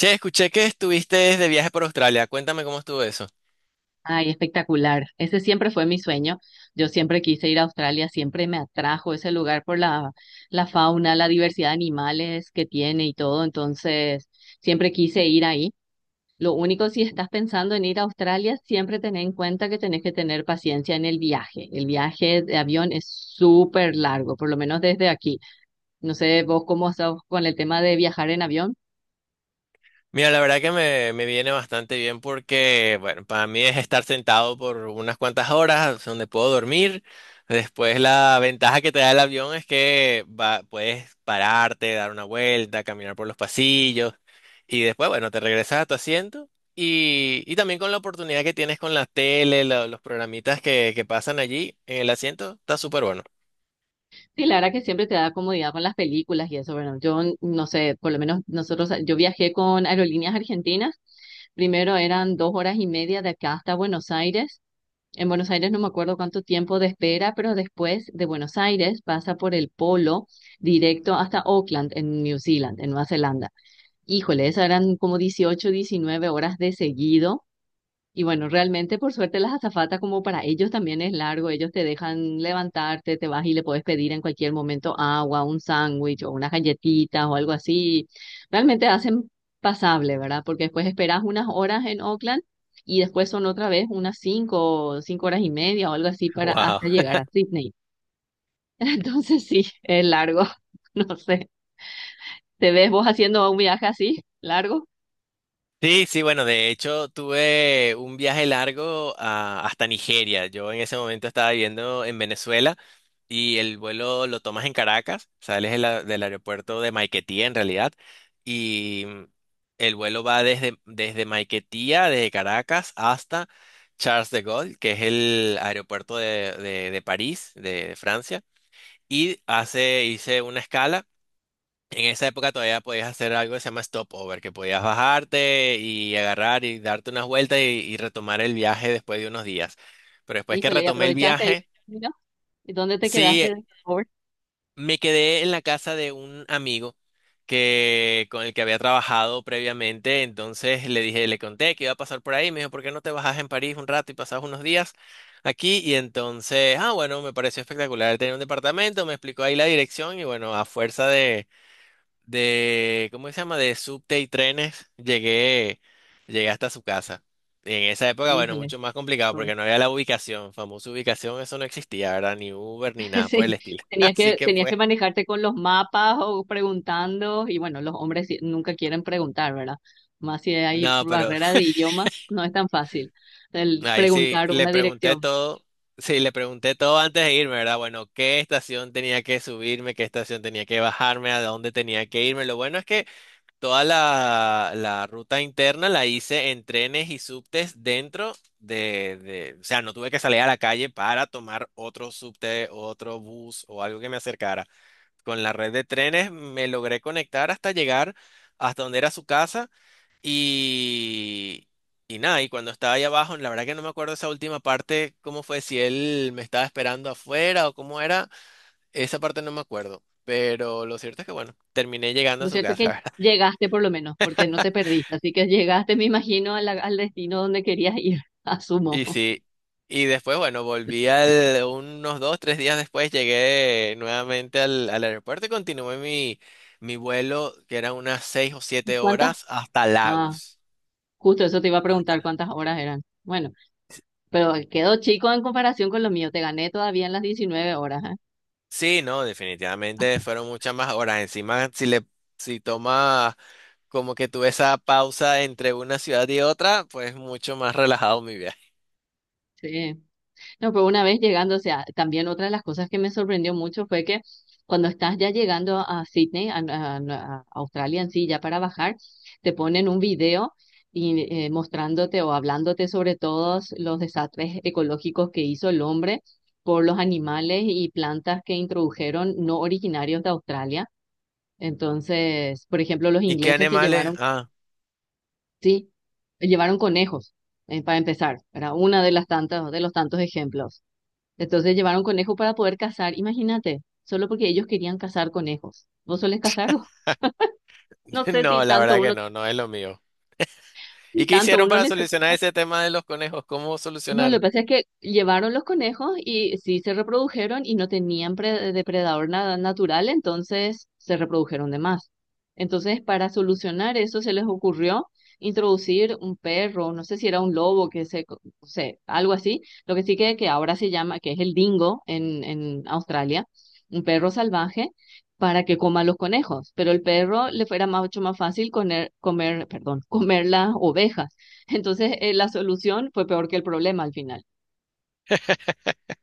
Che, escuché que estuviste de viaje por Australia. Cuéntame cómo estuvo eso. Ay, espectacular. Ese siempre fue mi sueño. Yo siempre quise ir a Australia, siempre me atrajo ese lugar por la fauna, la diversidad de animales que tiene y todo. Entonces, siempre quise ir ahí. Lo único, si estás pensando en ir a Australia, siempre ten en cuenta que tenés que tener paciencia en el viaje. El viaje de avión es súper largo, por lo menos desde aquí. No sé vos cómo estás con el tema de viajar en avión. Mira, la verdad que me viene bastante bien porque, bueno, para mí es estar sentado por unas cuantas horas donde puedo dormir. Después la ventaja que te da el avión es que puedes pararte, dar una vuelta, caminar por los pasillos y después, bueno, te regresas a tu asiento y también con la oportunidad que tienes con la tele, los programitas que pasan allí en el asiento, está súper bueno. Sí, la verdad que siempre te da comodidad con las películas y eso, bueno, no sé, por lo menos nosotros, yo viajé con Aerolíneas Argentinas, primero eran 2 horas y media de acá hasta Buenos Aires, en Buenos Aires no me acuerdo cuánto tiempo de espera, pero después de Buenos Aires pasa por el Polo directo hasta Auckland, en New Zealand, en Nueva Zelanda. Híjole, esas eran como 18, 19 horas de seguido y bueno, realmente por suerte las azafatas como para ellos también es largo, ellos te dejan levantarte, te vas y le puedes pedir en cualquier momento agua, un sándwich o unas galletitas o algo así. Realmente hacen pasable, ¿verdad? Porque después esperas unas horas en Oakland y después son otra vez unas 5, 5 horas y media o algo así para Wow. hasta llegar a Sydney. Entonces sí, es largo, no sé. ¿Te ves vos haciendo un viaje así, largo? Sí, sí, bueno, de hecho tuve un viaje largo hasta Nigeria. Yo en ese momento estaba viviendo en Venezuela y el vuelo lo tomas en Caracas, sales de del aeropuerto de Maiquetía en realidad, y el vuelo va desde Maiquetía, desde Caracas hasta Charles de Gaulle, que es el aeropuerto de, de París, de Francia, y hice una escala. En esa época todavía podías hacer algo que se llama stopover, que podías bajarte y agarrar y darte unas vueltas y retomar el viaje después de unos días. Pero después que Híjole, ¿y retomé el aprovechaste ahí? viaje, ¿No? ¿Y dónde te quedaste? sí, ¿De favor? me quedé en la casa de un amigo que, con el que había trabajado previamente. Entonces le dije, le conté que iba a pasar por ahí. Me dijo, ¿por qué no te bajas en París un rato y pasas unos días aquí? Y entonces, ah, bueno, me pareció espectacular. Él tenía un departamento, me explicó ahí la dirección y bueno, a fuerza de ¿cómo se llama? De subte y trenes, llegué hasta su casa. Y en esa época, bueno, Híjole. mucho más complicado porque no había la ubicación, famosa ubicación, eso no existía, ¿verdad? Ni Uber ni nada por el Sí, estilo. Así que tenías que fue. manejarte con los mapas o preguntando, y bueno, los hombres nunca quieren preguntar, ¿verdad? Más si hay No, pero barrera de idioma, no es tan fácil el ahí sí, preguntar le una pregunté dirección. todo, sí, le pregunté todo antes de irme, ¿verdad? Bueno, qué estación tenía que subirme, qué estación tenía que bajarme, a dónde tenía que irme. Lo bueno es que toda la ruta interna la hice en trenes y subtes dentro de, o sea, no tuve que salir a la calle para tomar otro subte, otro bus o algo que me acercara. Con la red de trenes me logré conectar hasta llegar hasta donde era su casa y, y nada, y cuando estaba ahí abajo, la verdad que no me acuerdo esa última parte, cómo fue, si él me estaba esperando afuera o cómo era, esa parte no me acuerdo. Pero lo cierto es que bueno, terminé llegando a Lo su cierto es que casa. llegaste por lo menos, porque no te perdiste, así que llegaste, me imagino, a al destino donde querías ir, Y asumo. sí, y después, bueno, volví al, unos dos, tres días después, llegué nuevamente al, al aeropuerto y continué mi, mi vuelo, que eran unas seis o ¿Y siete cuántas? horas, hasta Ah, Lagos. justo eso te iba a Hasta preguntar la- cuántas horas eran. Bueno, pero quedó chico en comparación con lo mío, te gané todavía en las 19 horas, ¿eh? Sí, no, definitivamente fueron muchas más horas. Encima, si tomas como que tuve esa pausa entre una ciudad y otra, pues mucho más relajado mi viaje. Sí. No, pero una vez llegando, o sea, también otra de las cosas que me sorprendió mucho fue que cuando estás ya llegando a Sydney, a Australia en sí, ya para bajar, te ponen un video y, mostrándote o hablándote sobre todos los desastres ecológicos que hizo el hombre por los animales y plantas que introdujeron no originarios de Australia. Entonces, por ejemplo, los ¿Y qué ingleses que animales? llevaron, Ah, sí, llevaron conejos, para empezar, era una de las tantas, de los tantos ejemplos. Entonces llevaron conejo para poder cazar, imagínate, solo porque ellos querían cazar conejos. ¿Vos solés cazar? No sé si no, la tanto verdad que uno, no, no es lo mío. si ¿Y qué tanto hicieron uno para necesita. solucionar ese tema de los conejos? ¿Cómo No, lo que solucionaron? pasa es que llevaron los conejos y sí se reprodujeron y no tenían depredador nada natural, entonces se reprodujeron de más. Entonces, para solucionar eso, se les ocurrió introducir un perro, no sé si era un lobo, que no sé, algo así. Lo que sí que ahora se llama, que es el dingo en Australia, un perro salvaje, para que coma los conejos. Pero el perro le fuera mucho más fácil comer las ovejas. Entonces, la solución fue peor que el problema al final.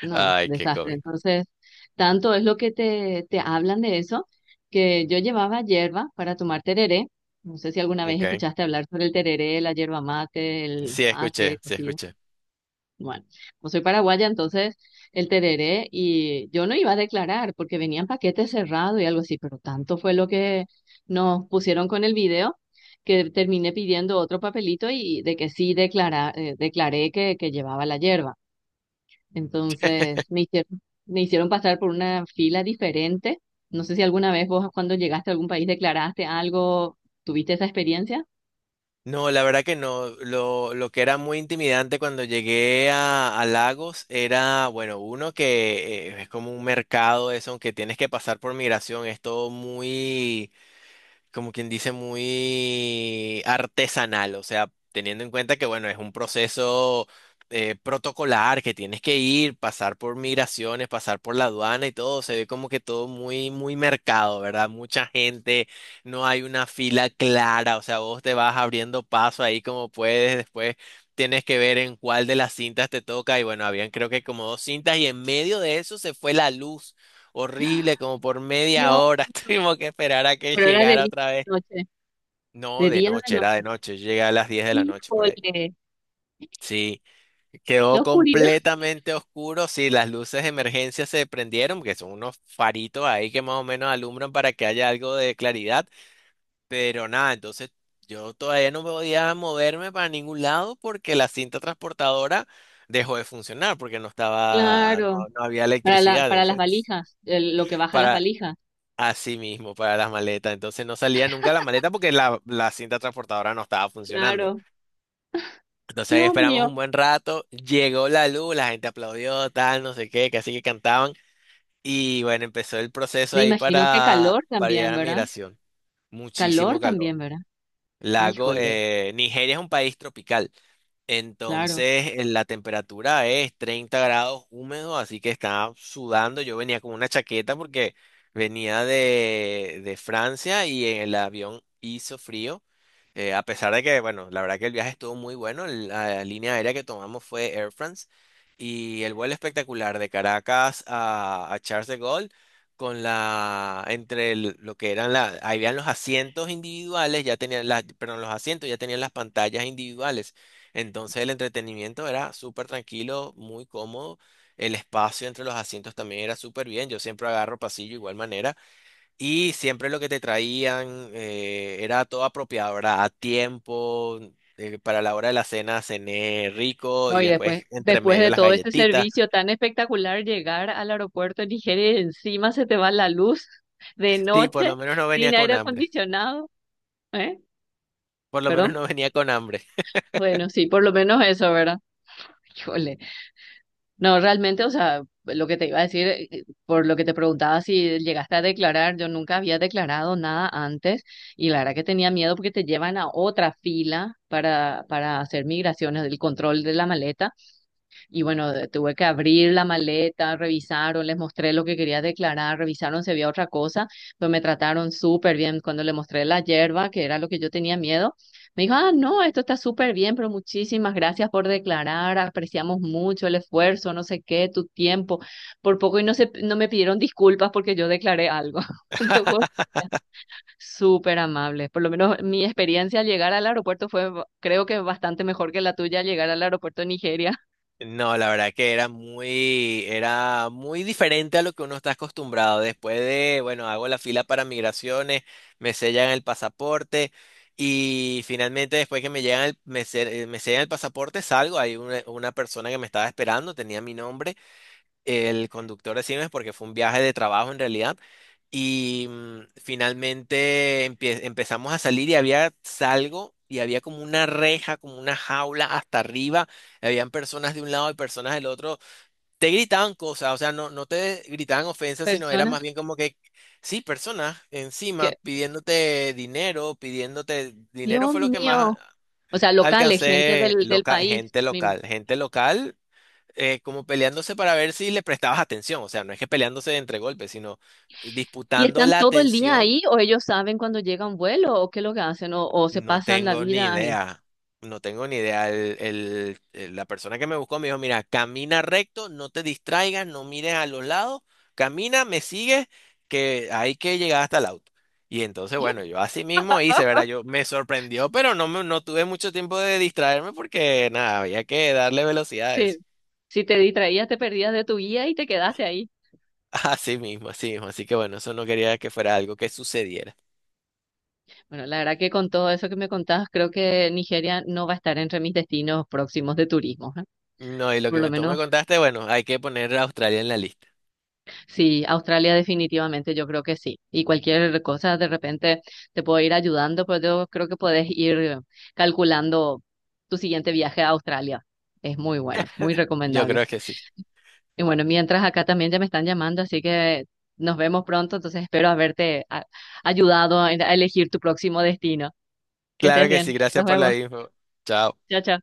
No, Ay, qué desastre. cómico. Entonces, tanto es lo que te hablan de eso, que yo llevaba hierba para tomar tereré. No sé si alguna vez Okay. escuchaste hablar sobre el tereré, la hierba mate, el Sí, mate, escuché, sí, cocido. escuché. Bueno, como soy paraguaya, entonces el tereré y yo no iba a declarar porque venía en paquete cerrado y algo así, pero tanto fue lo que nos pusieron con el video que terminé pidiendo otro papelito y de que sí declara, declaré que llevaba la hierba. Entonces me hicieron pasar por una fila diferente. No sé si alguna vez vos cuando llegaste a algún país declaraste algo, ¿tuviste esa experiencia? No, la verdad que no. Lo que era muy intimidante cuando llegué a Lagos era, bueno, uno que es como un mercado, eso, aunque tienes que pasar por migración, es todo muy como quien dice, muy artesanal, o sea, teniendo en cuenta que, bueno, es un proceso protocolar, que tienes que ir, pasar por migraciones, pasar por la aduana y todo, se ve como que todo muy, muy mercado, ¿verdad? Mucha gente, no hay una fila clara, o sea, vos te vas abriendo paso ahí como puedes, después tienes que ver en cuál de las cintas te toca y bueno, habían creo que como 2 cintas y en medio de eso se fue la luz horrible, como por media Dios, hora tuvimos que esperar a que pero era de llegara día otra a vez. la noche, No, de de día a noche, la era de noche. noche, yo llegué a las 10 de la noche por ahí. Híjole, Sí, la quedó oscuridad, completamente oscuro, sí, las luces de emergencia se prendieron, que son unos faritos ahí que más o menos alumbran para que haya algo de claridad, pero nada, entonces yo todavía no podía moverme para ningún lado porque la cinta transportadora dejó de funcionar porque no estaba, no, claro, no había para la, electricidad, para las entonces, valijas, lo que baja las para valijas, así mismo, para las maletas. Entonces no salía nunca la maleta porque la cinta transportadora no estaba funcionando. claro. Entonces ahí Dios esperamos mío, un buen rato, llegó la luz, la gente aplaudió, tal, no sé qué, casi que cantaban. Y bueno, empezó el proceso me ahí imagino que calor para también, llegar a ¿verdad? migración. Calor Muchísimo calor. también, ¿verdad? Lago, Híjole, Nigeria es un país tropical. claro. Entonces, la temperatura es 30 grados húmedo, así que estaba sudando. Yo venía con una chaqueta porque venía de Francia y en el avión hizo frío. A pesar de que, bueno, la verdad que el viaje estuvo muy bueno. La línea aérea que tomamos fue Air France y el vuelo espectacular de Caracas a Charles de Gaulle con la, lo que eran la, ahí habían los asientos individuales, ya tenían las, perdón, los asientos ya tenían las pantallas individuales. Entonces el entretenimiento era súper tranquilo, muy cómodo. El espacio entre los asientos también era súper bien. Yo siempre agarro pasillo igual manera. Y siempre lo que te traían era todo apropiado, ¿verdad? A tiempo, para la hora de la cena cené rico No, y y después, después entre después medio de las todo este galletitas. servicio tan espectacular, llegar al aeropuerto en Nigeria y encima se te va la luz de Sí, por noche, lo menos no venía sin con aire hambre. acondicionado, ¿eh? Por lo menos ¿Perdón? no venía con hambre. Bueno, sí, por lo menos eso, ¿verdad? Híjole. No, realmente, o sea, lo que te iba a decir, por lo que te preguntaba si llegaste a declarar, yo nunca había declarado nada antes y la verdad que tenía miedo porque te llevan a otra fila para hacer migraciones, el control de la maleta y bueno, tuve que abrir la maleta, revisaron, les mostré lo que quería declarar, revisaron si había otra cosa, pero me trataron súper bien. Cuando le mostré la yerba, que era lo que yo tenía miedo, me dijo, ah, no, esto está súper bien, pero muchísimas gracias por declarar, apreciamos mucho el esfuerzo, no sé qué, tu tiempo. Por poco y no me pidieron disculpas porque yo declaré algo. Te juro que súper amables. Por lo menos mi experiencia al llegar al aeropuerto fue, creo que bastante mejor que la tuya al llegar al aeropuerto de Nigeria. No, la verdad que era muy diferente a lo que uno está acostumbrado. Después de, bueno, hago la fila para migraciones, me sellan el pasaporte y finalmente después que me llegan el, me sellan el pasaporte salgo. Hay una persona que me estaba esperando, tenía mi nombre. El conductor de Siemens porque fue un viaje de trabajo en realidad. Y finalmente empezamos a salir y había salgo y había como una reja, como una jaula hasta arriba. Habían personas de un lado y personas del otro. Te gritaban cosas, o sea, no, no te gritaban ofensas, sino era Personas. más bien como que, sí, personas encima Que, pidiéndote dinero Dios fue lo que más mío, o sea, locales, gente alcancé del, del local, país gente misma. local, gente local como peleándose para ver si le prestabas atención. O sea, no es que peleándose entre golpes, sino ¿Y disputando están la todo el día atención. ahí o ellos saben cuando llega un vuelo o qué es lo que hacen o se No pasan la tengo ni vida ahí? idea. No tengo ni idea. La persona que me buscó me dijo, mira, camina recto, no te distraigas, no mires a los lados, camina, me sigues, que hay que llegar hasta el auto. Y entonces, Dios, bueno, yo así mismo hice, ¿verdad? Yo me sorprendió, pero no, no tuve mucho tiempo de distraerme porque nada, había que darle velocidad a sí. eso. Si te distraías, te perdías de tu guía y te quedaste ahí. Así mismo, así mismo. Así que bueno, eso no quería que fuera algo que sucediera. Bueno, la verdad que con todo eso que me contabas, creo que Nigeria no va a estar entre mis destinos próximos de turismo, ¿eh? No, y lo Por que lo me, tú me menos contaste, bueno, hay que poner a Australia en la lista. sí, Australia definitivamente, yo creo que sí. Y cualquier cosa de repente te puedo ir ayudando, pero yo creo que puedes ir calculando tu siguiente viaje a Australia. Es muy bueno, muy Yo recomendable. creo que sí. Y bueno, mientras acá también ya me están llamando, así que nos vemos pronto, entonces espero haberte ayudado a elegir tu próximo destino. Que Claro estés que sí, bien, gracias nos por la vemos. info. Chao. Chao, chao.